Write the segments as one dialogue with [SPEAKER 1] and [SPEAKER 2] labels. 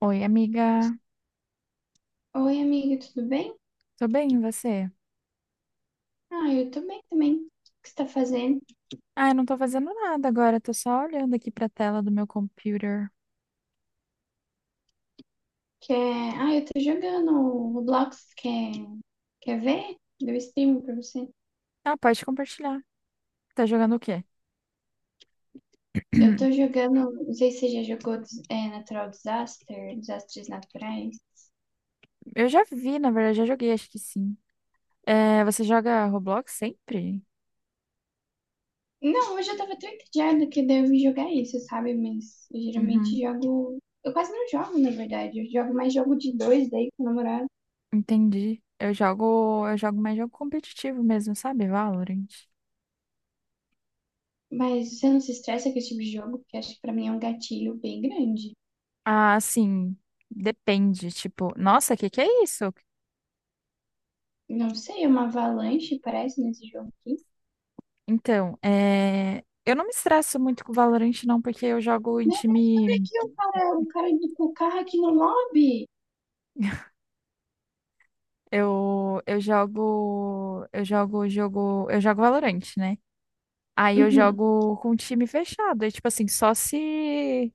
[SPEAKER 1] Oi, amiga.
[SPEAKER 2] Oi, amiga, tudo bem?
[SPEAKER 1] Tô bem, e você?
[SPEAKER 2] Ah, eu tô bem também. O que você tá fazendo?
[SPEAKER 1] Ah, eu não tô fazendo nada agora, tô só olhando aqui pra tela do meu computer.
[SPEAKER 2] Quer... Ah, eu tô jogando o Roblox. Quer... Quer ver? Deu stream pra você.
[SPEAKER 1] Ah, pode compartilhar. Tá jogando o quê?
[SPEAKER 2] Eu tô jogando, não sei se você já jogou Natural Disaster, Desastres Naturais.
[SPEAKER 1] Eu já vi, na verdade, já joguei, acho que sim. É, você joga Roblox sempre?
[SPEAKER 2] Não, hoje eu tava tão entediada que daí eu vim jogar isso, sabe? Mas eu geralmente
[SPEAKER 1] Uhum,
[SPEAKER 2] jogo. Eu quase não jogo, na verdade. Eu jogo mais jogo de dois daí com o namorado.
[SPEAKER 1] entendi. Eu jogo mais jogo competitivo mesmo, sabe? Valorant.
[SPEAKER 2] Mas você não se estressa com esse tipo de jogo, porque acho que pra mim é um gatilho bem grande.
[SPEAKER 1] Ah, sim, depende, tipo, nossa, que é isso?
[SPEAKER 2] Não sei, uma avalanche parece nesse jogo aqui.
[SPEAKER 1] Então, é, eu não me estresso muito com Valorant não, porque eu jogo em
[SPEAKER 2] Meu, olha
[SPEAKER 1] time.
[SPEAKER 2] aqui o cara do o carro aqui no lobby.
[SPEAKER 1] Eu jogo Valorant, né? Aí eu
[SPEAKER 2] Uhum.
[SPEAKER 1] jogo com time fechado, é tipo assim, só se...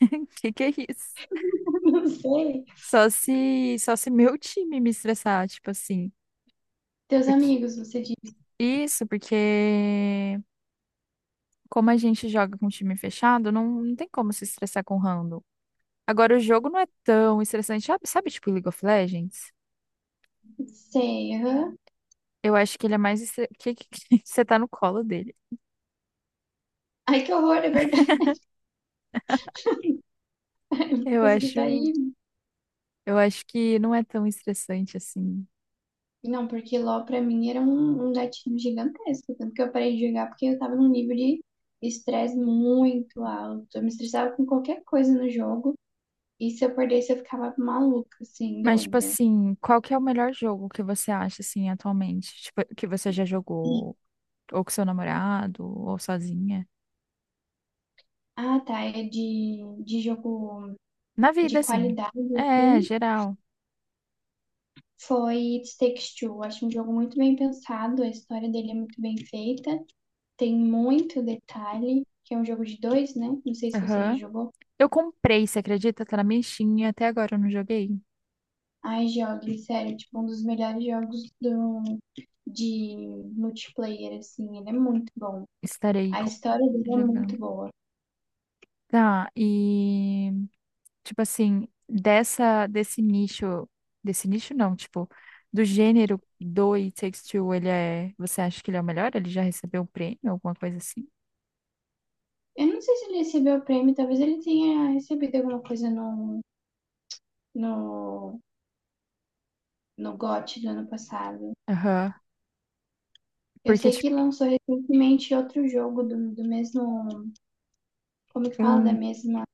[SPEAKER 1] Que é isso?
[SPEAKER 2] Não sei.
[SPEAKER 1] Só se meu time me estressar, tipo assim.
[SPEAKER 2] Teus
[SPEAKER 1] Porque
[SPEAKER 2] amigos, você disse.
[SPEAKER 1] isso, porque como a gente joga com time fechado, não tem como se estressar com random. Agora o jogo não é tão estressante, sabe, tipo League of Legends?
[SPEAKER 2] Sei, aham.
[SPEAKER 1] Eu acho que ele é mais estre... Que, você tá no colo dele.
[SPEAKER 2] Ai, que horror, é verdade. Eu não
[SPEAKER 1] Eu
[SPEAKER 2] consegui
[SPEAKER 1] acho
[SPEAKER 2] sair.
[SPEAKER 1] Eu acho que não é tão estressante assim.
[SPEAKER 2] Não, porque LOL pra mim era um gatinho gigantesco. Tanto que eu parei de jogar porque eu tava num nível de estresse muito alto. Eu me estressava com qualquer coisa no jogo. E se eu perdesse, eu ficava maluca, assim,
[SPEAKER 1] Mas, tipo
[SPEAKER 2] doida.
[SPEAKER 1] assim, qual que é o melhor jogo que você acha, assim, atualmente? Tipo, que você já jogou, ou com seu namorado, ou sozinha?
[SPEAKER 2] Ah, tá. É de jogo
[SPEAKER 1] Na
[SPEAKER 2] de
[SPEAKER 1] vida, assim.
[SPEAKER 2] qualidade,
[SPEAKER 1] É,
[SPEAKER 2] assim,
[SPEAKER 1] geral.
[SPEAKER 2] foi It Takes Two. Acho um jogo muito bem pensado, a história dele é muito bem feita, tem muito detalhe, que é um jogo de dois, né? Não sei se você já
[SPEAKER 1] Aham.
[SPEAKER 2] jogou.
[SPEAKER 1] Eu comprei, você acredita? Tá na minha Steam, e até agora eu não joguei.
[SPEAKER 2] Ai, jogue, sério, tipo, um dos melhores jogos de multiplayer, assim, ele é muito bom.
[SPEAKER 1] Estarei
[SPEAKER 2] A
[SPEAKER 1] co-
[SPEAKER 2] história dele é muito
[SPEAKER 1] jogando.
[SPEAKER 2] boa.
[SPEAKER 1] Tá, e... tipo assim, desse nicho não, tipo, do gênero do It Takes Two, ele é, você acha que ele é o melhor? Ele já recebeu um prêmio, alguma coisa assim?
[SPEAKER 2] Eu não sei se ele recebeu o prêmio, talvez ele tenha recebido alguma coisa no, no GOT do ano passado.
[SPEAKER 1] Aham.
[SPEAKER 2] Eu
[SPEAKER 1] Porque,
[SPEAKER 2] sei
[SPEAKER 1] tipo,
[SPEAKER 2] que lançou recentemente outro jogo do mesmo. Como que fala? Da
[SPEAKER 1] um,
[SPEAKER 2] mesma.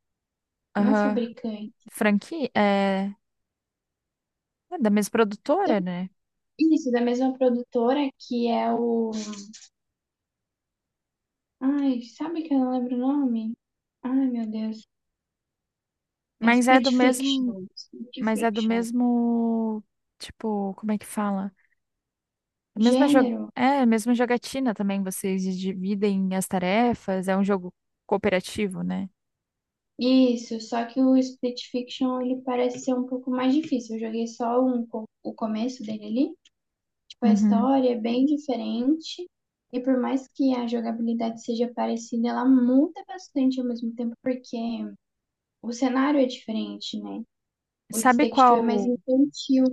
[SPEAKER 2] Não é
[SPEAKER 1] aham,
[SPEAKER 2] fabricante.
[SPEAKER 1] franquia é, é da mesma
[SPEAKER 2] É
[SPEAKER 1] produtora, né?
[SPEAKER 2] isso, da mesma produtora que é o. Ai, sabe que eu não lembro o nome? Ai, meu Deus. É
[SPEAKER 1] Mas é
[SPEAKER 2] Split
[SPEAKER 1] do mesmo,
[SPEAKER 2] Fiction. Split
[SPEAKER 1] mas é do
[SPEAKER 2] Fiction.
[SPEAKER 1] mesmo, tipo, como é que fala? A mesma jo-
[SPEAKER 2] Gênero?
[SPEAKER 1] é, a mesma jogatina também, vocês dividem as tarefas, é um jogo cooperativo, né?
[SPEAKER 2] Isso, só que o Split Fiction ele parece ser um pouco mais difícil. Eu joguei o começo dele ali. Tipo, a
[SPEAKER 1] Uhum.
[SPEAKER 2] história é bem diferente. E por mais que a jogabilidade seja parecida, ela muda bastante ao mesmo tempo, porque o cenário é diferente, né? O It
[SPEAKER 1] Sabe
[SPEAKER 2] Takes
[SPEAKER 1] qual
[SPEAKER 2] Two é mais infantil.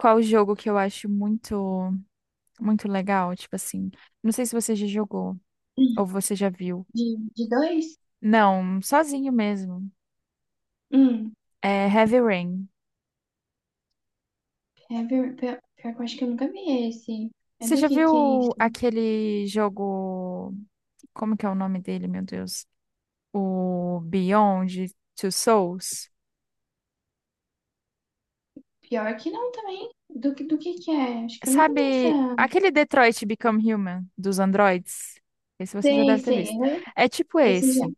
[SPEAKER 1] Qual jogo que eu acho muito, muito legal? Tipo assim, não sei se você já jogou ou você já viu.
[SPEAKER 2] De dois?
[SPEAKER 1] Não, sozinho mesmo.
[SPEAKER 2] Hum,
[SPEAKER 1] É Heavy Rain.
[SPEAKER 2] pior, pior que eu acho que eu nunca vi esse. É
[SPEAKER 1] Você
[SPEAKER 2] do
[SPEAKER 1] já
[SPEAKER 2] que é isso?
[SPEAKER 1] viu aquele jogo? Como que é o nome dele, meu Deus? O Beyond Two Souls?
[SPEAKER 2] Pior que não também. Do que é? Acho que eu nunca vi essa.
[SPEAKER 1] Sabe aquele Detroit Become Human dos androids? Esse você já deve
[SPEAKER 2] Sei,
[SPEAKER 1] ter
[SPEAKER 2] sei,
[SPEAKER 1] visto.
[SPEAKER 2] aham.
[SPEAKER 1] É tipo
[SPEAKER 2] Esse já.
[SPEAKER 1] esse.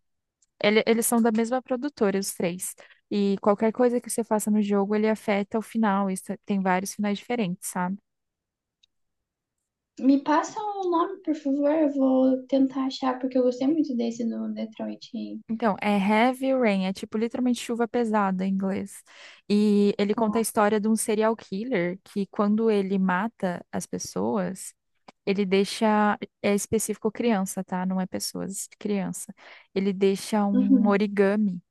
[SPEAKER 1] Eles são da mesma produtora, os três. E qualquer coisa que você faça no jogo, ele afeta o final. Isso, tem vários finais diferentes, sabe?
[SPEAKER 2] Me passa o nome, por favor. Eu vou tentar achar, porque eu gostei muito desse do Detroit aí.
[SPEAKER 1] Então, é Heavy Rain, é tipo literalmente chuva pesada em inglês. E ele conta a história de um serial killer que, quando ele mata as pessoas, ele deixa. É específico criança, tá? Não é pessoas, é criança. Ele deixa um
[SPEAKER 2] Uhum.
[SPEAKER 1] origami,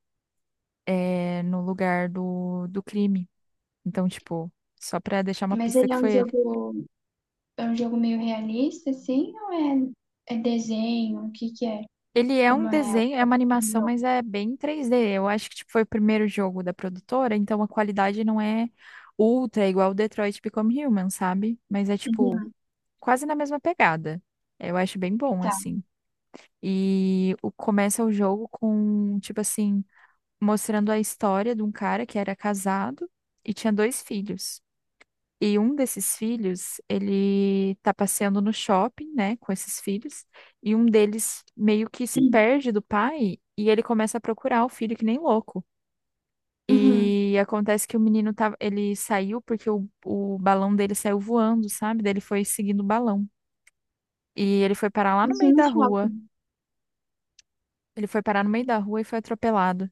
[SPEAKER 1] é, no lugar do crime. Então, tipo, só pra deixar uma
[SPEAKER 2] Mas
[SPEAKER 1] pista
[SPEAKER 2] ele
[SPEAKER 1] que foi ele.
[SPEAKER 2] é um jogo meio realista, assim, ou é desenho? O que que é?
[SPEAKER 1] Ele é um
[SPEAKER 2] Como é
[SPEAKER 1] desenho, é uma
[SPEAKER 2] o
[SPEAKER 1] animação,
[SPEAKER 2] jogo?
[SPEAKER 1] mas é bem 3D. Eu acho que tipo, foi o primeiro jogo da produtora, então a qualidade não é ultra, igual o Detroit Become Human, sabe? Mas é tipo
[SPEAKER 2] Uhum,
[SPEAKER 1] quase na mesma pegada. Eu acho bem bom,
[SPEAKER 2] tá.
[SPEAKER 1] assim. Começa o jogo com, tipo assim, mostrando a história de um cara que era casado e tinha dois filhos. E um desses filhos, ele tá passeando no shopping, né, com esses filhos, e um deles meio que se perde do pai e ele começa a procurar o filho que nem louco.
[SPEAKER 2] Uhum.
[SPEAKER 1] E acontece que o menino tava, ele saiu porque o balão dele saiu voando, sabe? Daí ele foi seguindo o balão. E ele foi parar lá no
[SPEAKER 2] Isso
[SPEAKER 1] meio
[SPEAKER 2] no
[SPEAKER 1] da rua.
[SPEAKER 2] shopping.
[SPEAKER 1] Ele foi parar no meio da rua e foi atropelado.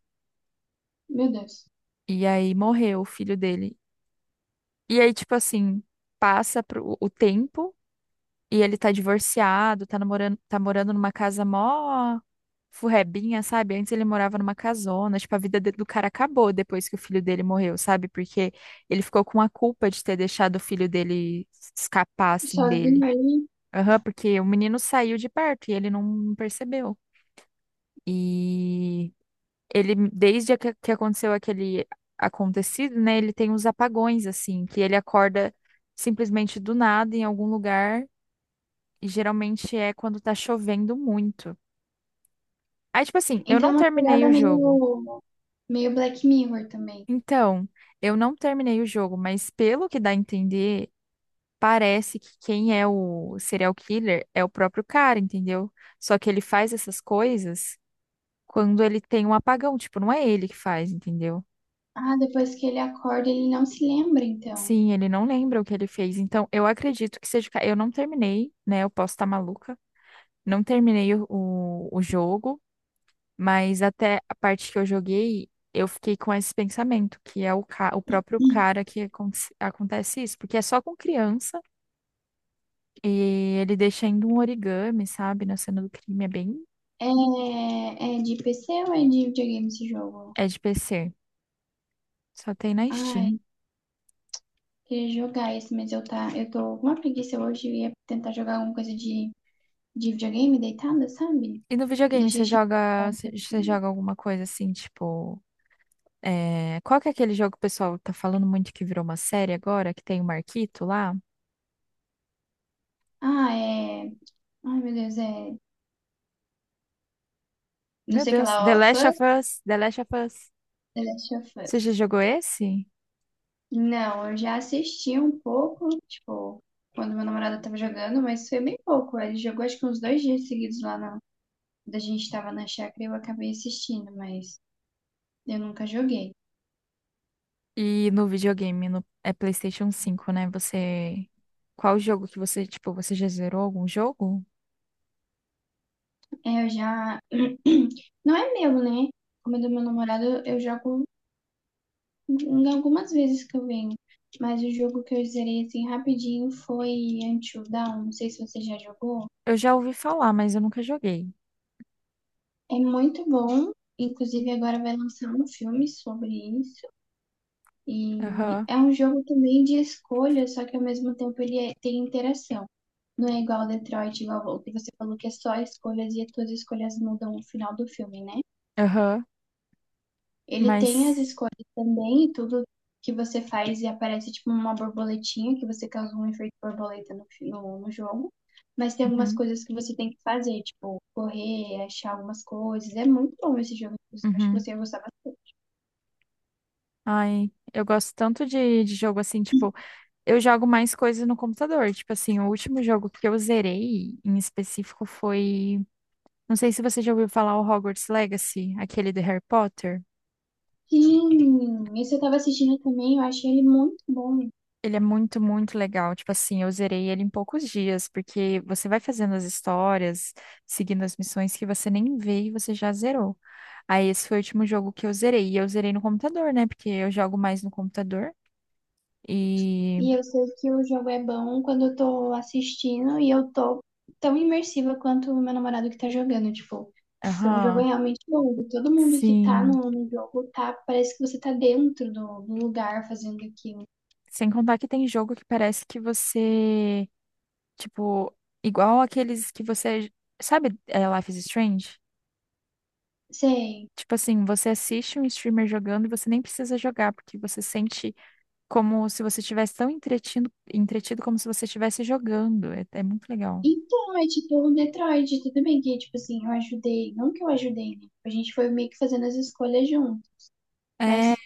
[SPEAKER 2] Meu Deus.
[SPEAKER 1] E aí morreu o filho dele. E aí, tipo assim, passa pro, o tempo. E ele tá divorciado, tá namorando, tá morando numa casa mó furrebinha, sabe? Antes ele morava numa casona, tipo, a vida do cara acabou depois que o filho dele morreu, sabe? Porque ele ficou com a culpa de ter deixado o filho dele escapar, assim,
[SPEAKER 2] Sozinho
[SPEAKER 1] dele.
[SPEAKER 2] ali.
[SPEAKER 1] Aham, porque o menino saiu de perto e ele não percebeu. E ele, desde que aconteceu aquele acontecido, né? Ele tem uns apagões, assim, que ele acorda simplesmente do nada em algum lugar e geralmente é quando tá chovendo muito. Aí, tipo assim, eu
[SPEAKER 2] Então é
[SPEAKER 1] não
[SPEAKER 2] uma
[SPEAKER 1] terminei
[SPEAKER 2] pegada
[SPEAKER 1] o jogo.
[SPEAKER 2] meio, meio Black Mirror também.
[SPEAKER 1] Então, eu não terminei o jogo, mas pelo que dá a entender, parece que quem é o serial killer é o próprio cara, entendeu? Só que ele faz essas coisas quando ele tem um apagão, tipo, não é ele que faz, entendeu?
[SPEAKER 2] Ah, depois que ele acorda, ele não se lembra, então.
[SPEAKER 1] Sim, ele não lembra o que ele fez. Então, eu acredito que seja. Eu não terminei, né? Eu posso estar maluca. Não terminei o jogo. Mas até a parte que eu joguei, eu fiquei com esse pensamento, que é o, o próprio cara que acontece isso, porque é só com criança e ele deixa ainda um origami, sabe, na cena do crime, é bem,
[SPEAKER 2] É, é de PC ou é de videogame esse jogo?
[SPEAKER 1] é de PC, só tem na
[SPEAKER 2] Ai,
[SPEAKER 1] Steam.
[SPEAKER 2] queria jogar esse, mas eu tô com uma preguiça hoje e ia tentar jogar alguma coisa de videogame deitada, sabe?
[SPEAKER 1] E no videogame,
[SPEAKER 2] Deixei
[SPEAKER 1] você
[SPEAKER 2] chamar.
[SPEAKER 1] joga, você joga alguma coisa assim, tipo, é, qual que é aquele jogo que o pessoal tá falando muito que virou uma série agora, que tem o Marquito lá?
[SPEAKER 2] Ah, é. Ai, meu Deus, é. Não
[SPEAKER 1] Meu
[SPEAKER 2] sei o que
[SPEAKER 1] Deus,
[SPEAKER 2] lá,
[SPEAKER 1] The
[SPEAKER 2] ó.
[SPEAKER 1] Last of
[SPEAKER 2] Fuzz?
[SPEAKER 1] Us, The Last of Us.
[SPEAKER 2] The Last of
[SPEAKER 1] Você já
[SPEAKER 2] Us.
[SPEAKER 1] jogou esse?
[SPEAKER 2] Não, eu já assisti um pouco, tipo, quando meu namorado tava jogando, mas foi bem pouco. Ele jogou acho que uns dois dias seguidos lá na. Quando a gente tava na chácara, e eu acabei assistindo, mas eu nunca joguei.
[SPEAKER 1] E no videogame, no, é PlayStation 5, né? Você. Qual jogo que você, tipo, você já zerou algum jogo?
[SPEAKER 2] É, eu já. Não é meu, né? Como é do meu namorado, eu jogo em algumas vezes que eu venho. Mas o jogo que eu zerei assim rapidinho foi Until Dawn. Não sei se você já jogou.
[SPEAKER 1] Eu já ouvi falar, mas eu nunca joguei.
[SPEAKER 2] É muito bom. Inclusive agora vai lançar um filme sobre isso. E
[SPEAKER 1] Aham,
[SPEAKER 2] é um jogo também de escolha, só que ao mesmo tempo tem interação. Não é igual Detroit, igual o que você falou, que é só escolhas e as suas escolhas mudam o final do filme, né?
[SPEAKER 1] aham.
[SPEAKER 2] Ele tem as
[SPEAKER 1] Mas.
[SPEAKER 2] escolhas também e tudo que você faz e aparece tipo uma borboletinha, que você causa um efeito borboleta no jogo. Mas tem algumas
[SPEAKER 1] Uhum,
[SPEAKER 2] coisas que você tem que fazer, tipo correr, achar algumas coisas. É muito bom esse jogo, inclusive, acho que
[SPEAKER 1] uhum.
[SPEAKER 2] você ia gostar bastante.
[SPEAKER 1] Ai, eu gosto tanto de jogo assim, tipo, eu jogo mais coisas no computador. Tipo assim, o último jogo que eu zerei em específico foi. Não sei se você já ouviu falar o Hogwarts Legacy, aquele do Harry Potter.
[SPEAKER 2] Sim, esse eu tava assistindo também, eu achei ele muito bom.
[SPEAKER 1] Ele é muito, muito legal. Tipo assim, eu zerei ele em poucos dias, porque você vai fazendo as histórias, seguindo as missões que você nem vê e você já zerou. Aí esse foi o último jogo que eu zerei. E eu zerei no computador, né? Porque eu jogo mais no computador. E.
[SPEAKER 2] E eu sei que o jogo é bom quando eu tô assistindo e eu tô tão imersiva quanto o meu namorado que tá jogando, tipo. Então o jogo é
[SPEAKER 1] Aham,
[SPEAKER 2] realmente longo. Todo mundo que tá
[SPEAKER 1] sim.
[SPEAKER 2] no jogo tá, parece que você tá dentro do lugar fazendo aquilo.
[SPEAKER 1] Sem contar que tem jogo que parece que você. Tipo, igual aqueles que você. Sabe, é, Life is Strange?
[SPEAKER 2] Sei.
[SPEAKER 1] Tipo assim, você assiste um streamer jogando e você nem precisa jogar, porque você sente como se você estivesse tão entretido, entretido como se você estivesse jogando. É, é muito legal.
[SPEAKER 2] Então, é tipo o Detroit, tudo bem que, tipo assim, eu ajudei. Não que eu ajudei, né? A gente foi meio que fazendo as escolhas junto.
[SPEAKER 1] É,
[SPEAKER 2] Mas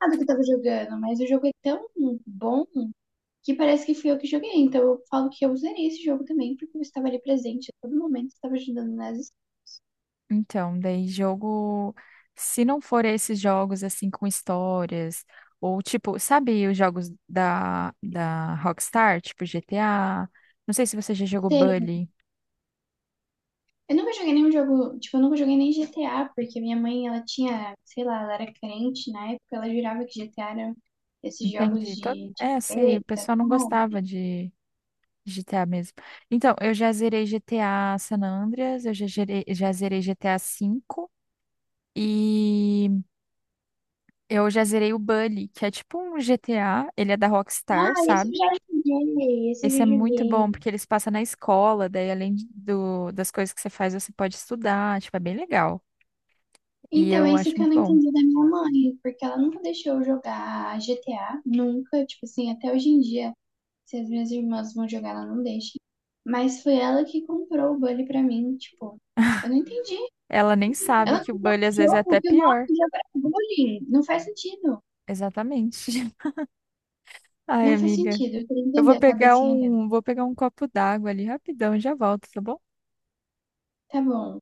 [SPEAKER 2] nada que eu tava jogando. Mas o jogo é tão bom que parece que fui eu que joguei. Então eu falo que eu zerei esse jogo também, porque eu estava ali presente a todo momento, estava ajudando nas
[SPEAKER 1] então, daí jogo, se não for esses jogos assim com histórias, ou tipo, sabe os jogos da Rockstar, tipo GTA? Não sei se você já jogou
[SPEAKER 2] cenas.
[SPEAKER 1] Bully.
[SPEAKER 2] Eu nunca joguei nenhum jogo, tipo, eu nunca joguei nem GTA, porque minha mãe, ela tinha, sei lá, ela era crente na época, ela jurava que GTA era esses jogos
[SPEAKER 1] Entendi. Todo...
[SPEAKER 2] de
[SPEAKER 1] É, sei, o
[SPEAKER 2] capeta,
[SPEAKER 1] pessoal não
[SPEAKER 2] sabe?
[SPEAKER 1] gostava de GTA mesmo. Então, eu já zerei GTA San Andreas, já zerei GTA V e eu já zerei o Bully, que é tipo um GTA, ele é da Rockstar,
[SPEAKER 2] Ah, esse eu
[SPEAKER 1] sabe?
[SPEAKER 2] já joguei, esse eu já
[SPEAKER 1] Esse é muito bom,
[SPEAKER 2] joguei.
[SPEAKER 1] porque eles passam na escola, daí além do, das coisas que você faz, você pode estudar, tipo, é bem legal. E
[SPEAKER 2] Então,
[SPEAKER 1] eu
[SPEAKER 2] esse
[SPEAKER 1] acho
[SPEAKER 2] que eu
[SPEAKER 1] muito
[SPEAKER 2] não
[SPEAKER 1] bom.
[SPEAKER 2] entendi da minha mãe, porque ela nunca deixou eu jogar GTA, nunca, tipo assim, até hoje em dia. Se as minhas irmãs vão jogar, ela não deixa. Mas foi ela que comprou o Bully pra mim, tipo, eu não entendi.
[SPEAKER 1] Ela nem sabe
[SPEAKER 2] Ela
[SPEAKER 1] que o
[SPEAKER 2] comprou
[SPEAKER 1] Bully às
[SPEAKER 2] um
[SPEAKER 1] vezes é até
[SPEAKER 2] jogo que o
[SPEAKER 1] pior.
[SPEAKER 2] nome já era bullying. Não faz sentido.
[SPEAKER 1] Exatamente. Ai,
[SPEAKER 2] Não faz
[SPEAKER 1] amiga.
[SPEAKER 2] sentido. Eu queria
[SPEAKER 1] Eu
[SPEAKER 2] entender a cabecinha dela.
[SPEAKER 1] vou pegar um copo d'água ali rapidão e já volto, tá bom?
[SPEAKER 2] Tá bom.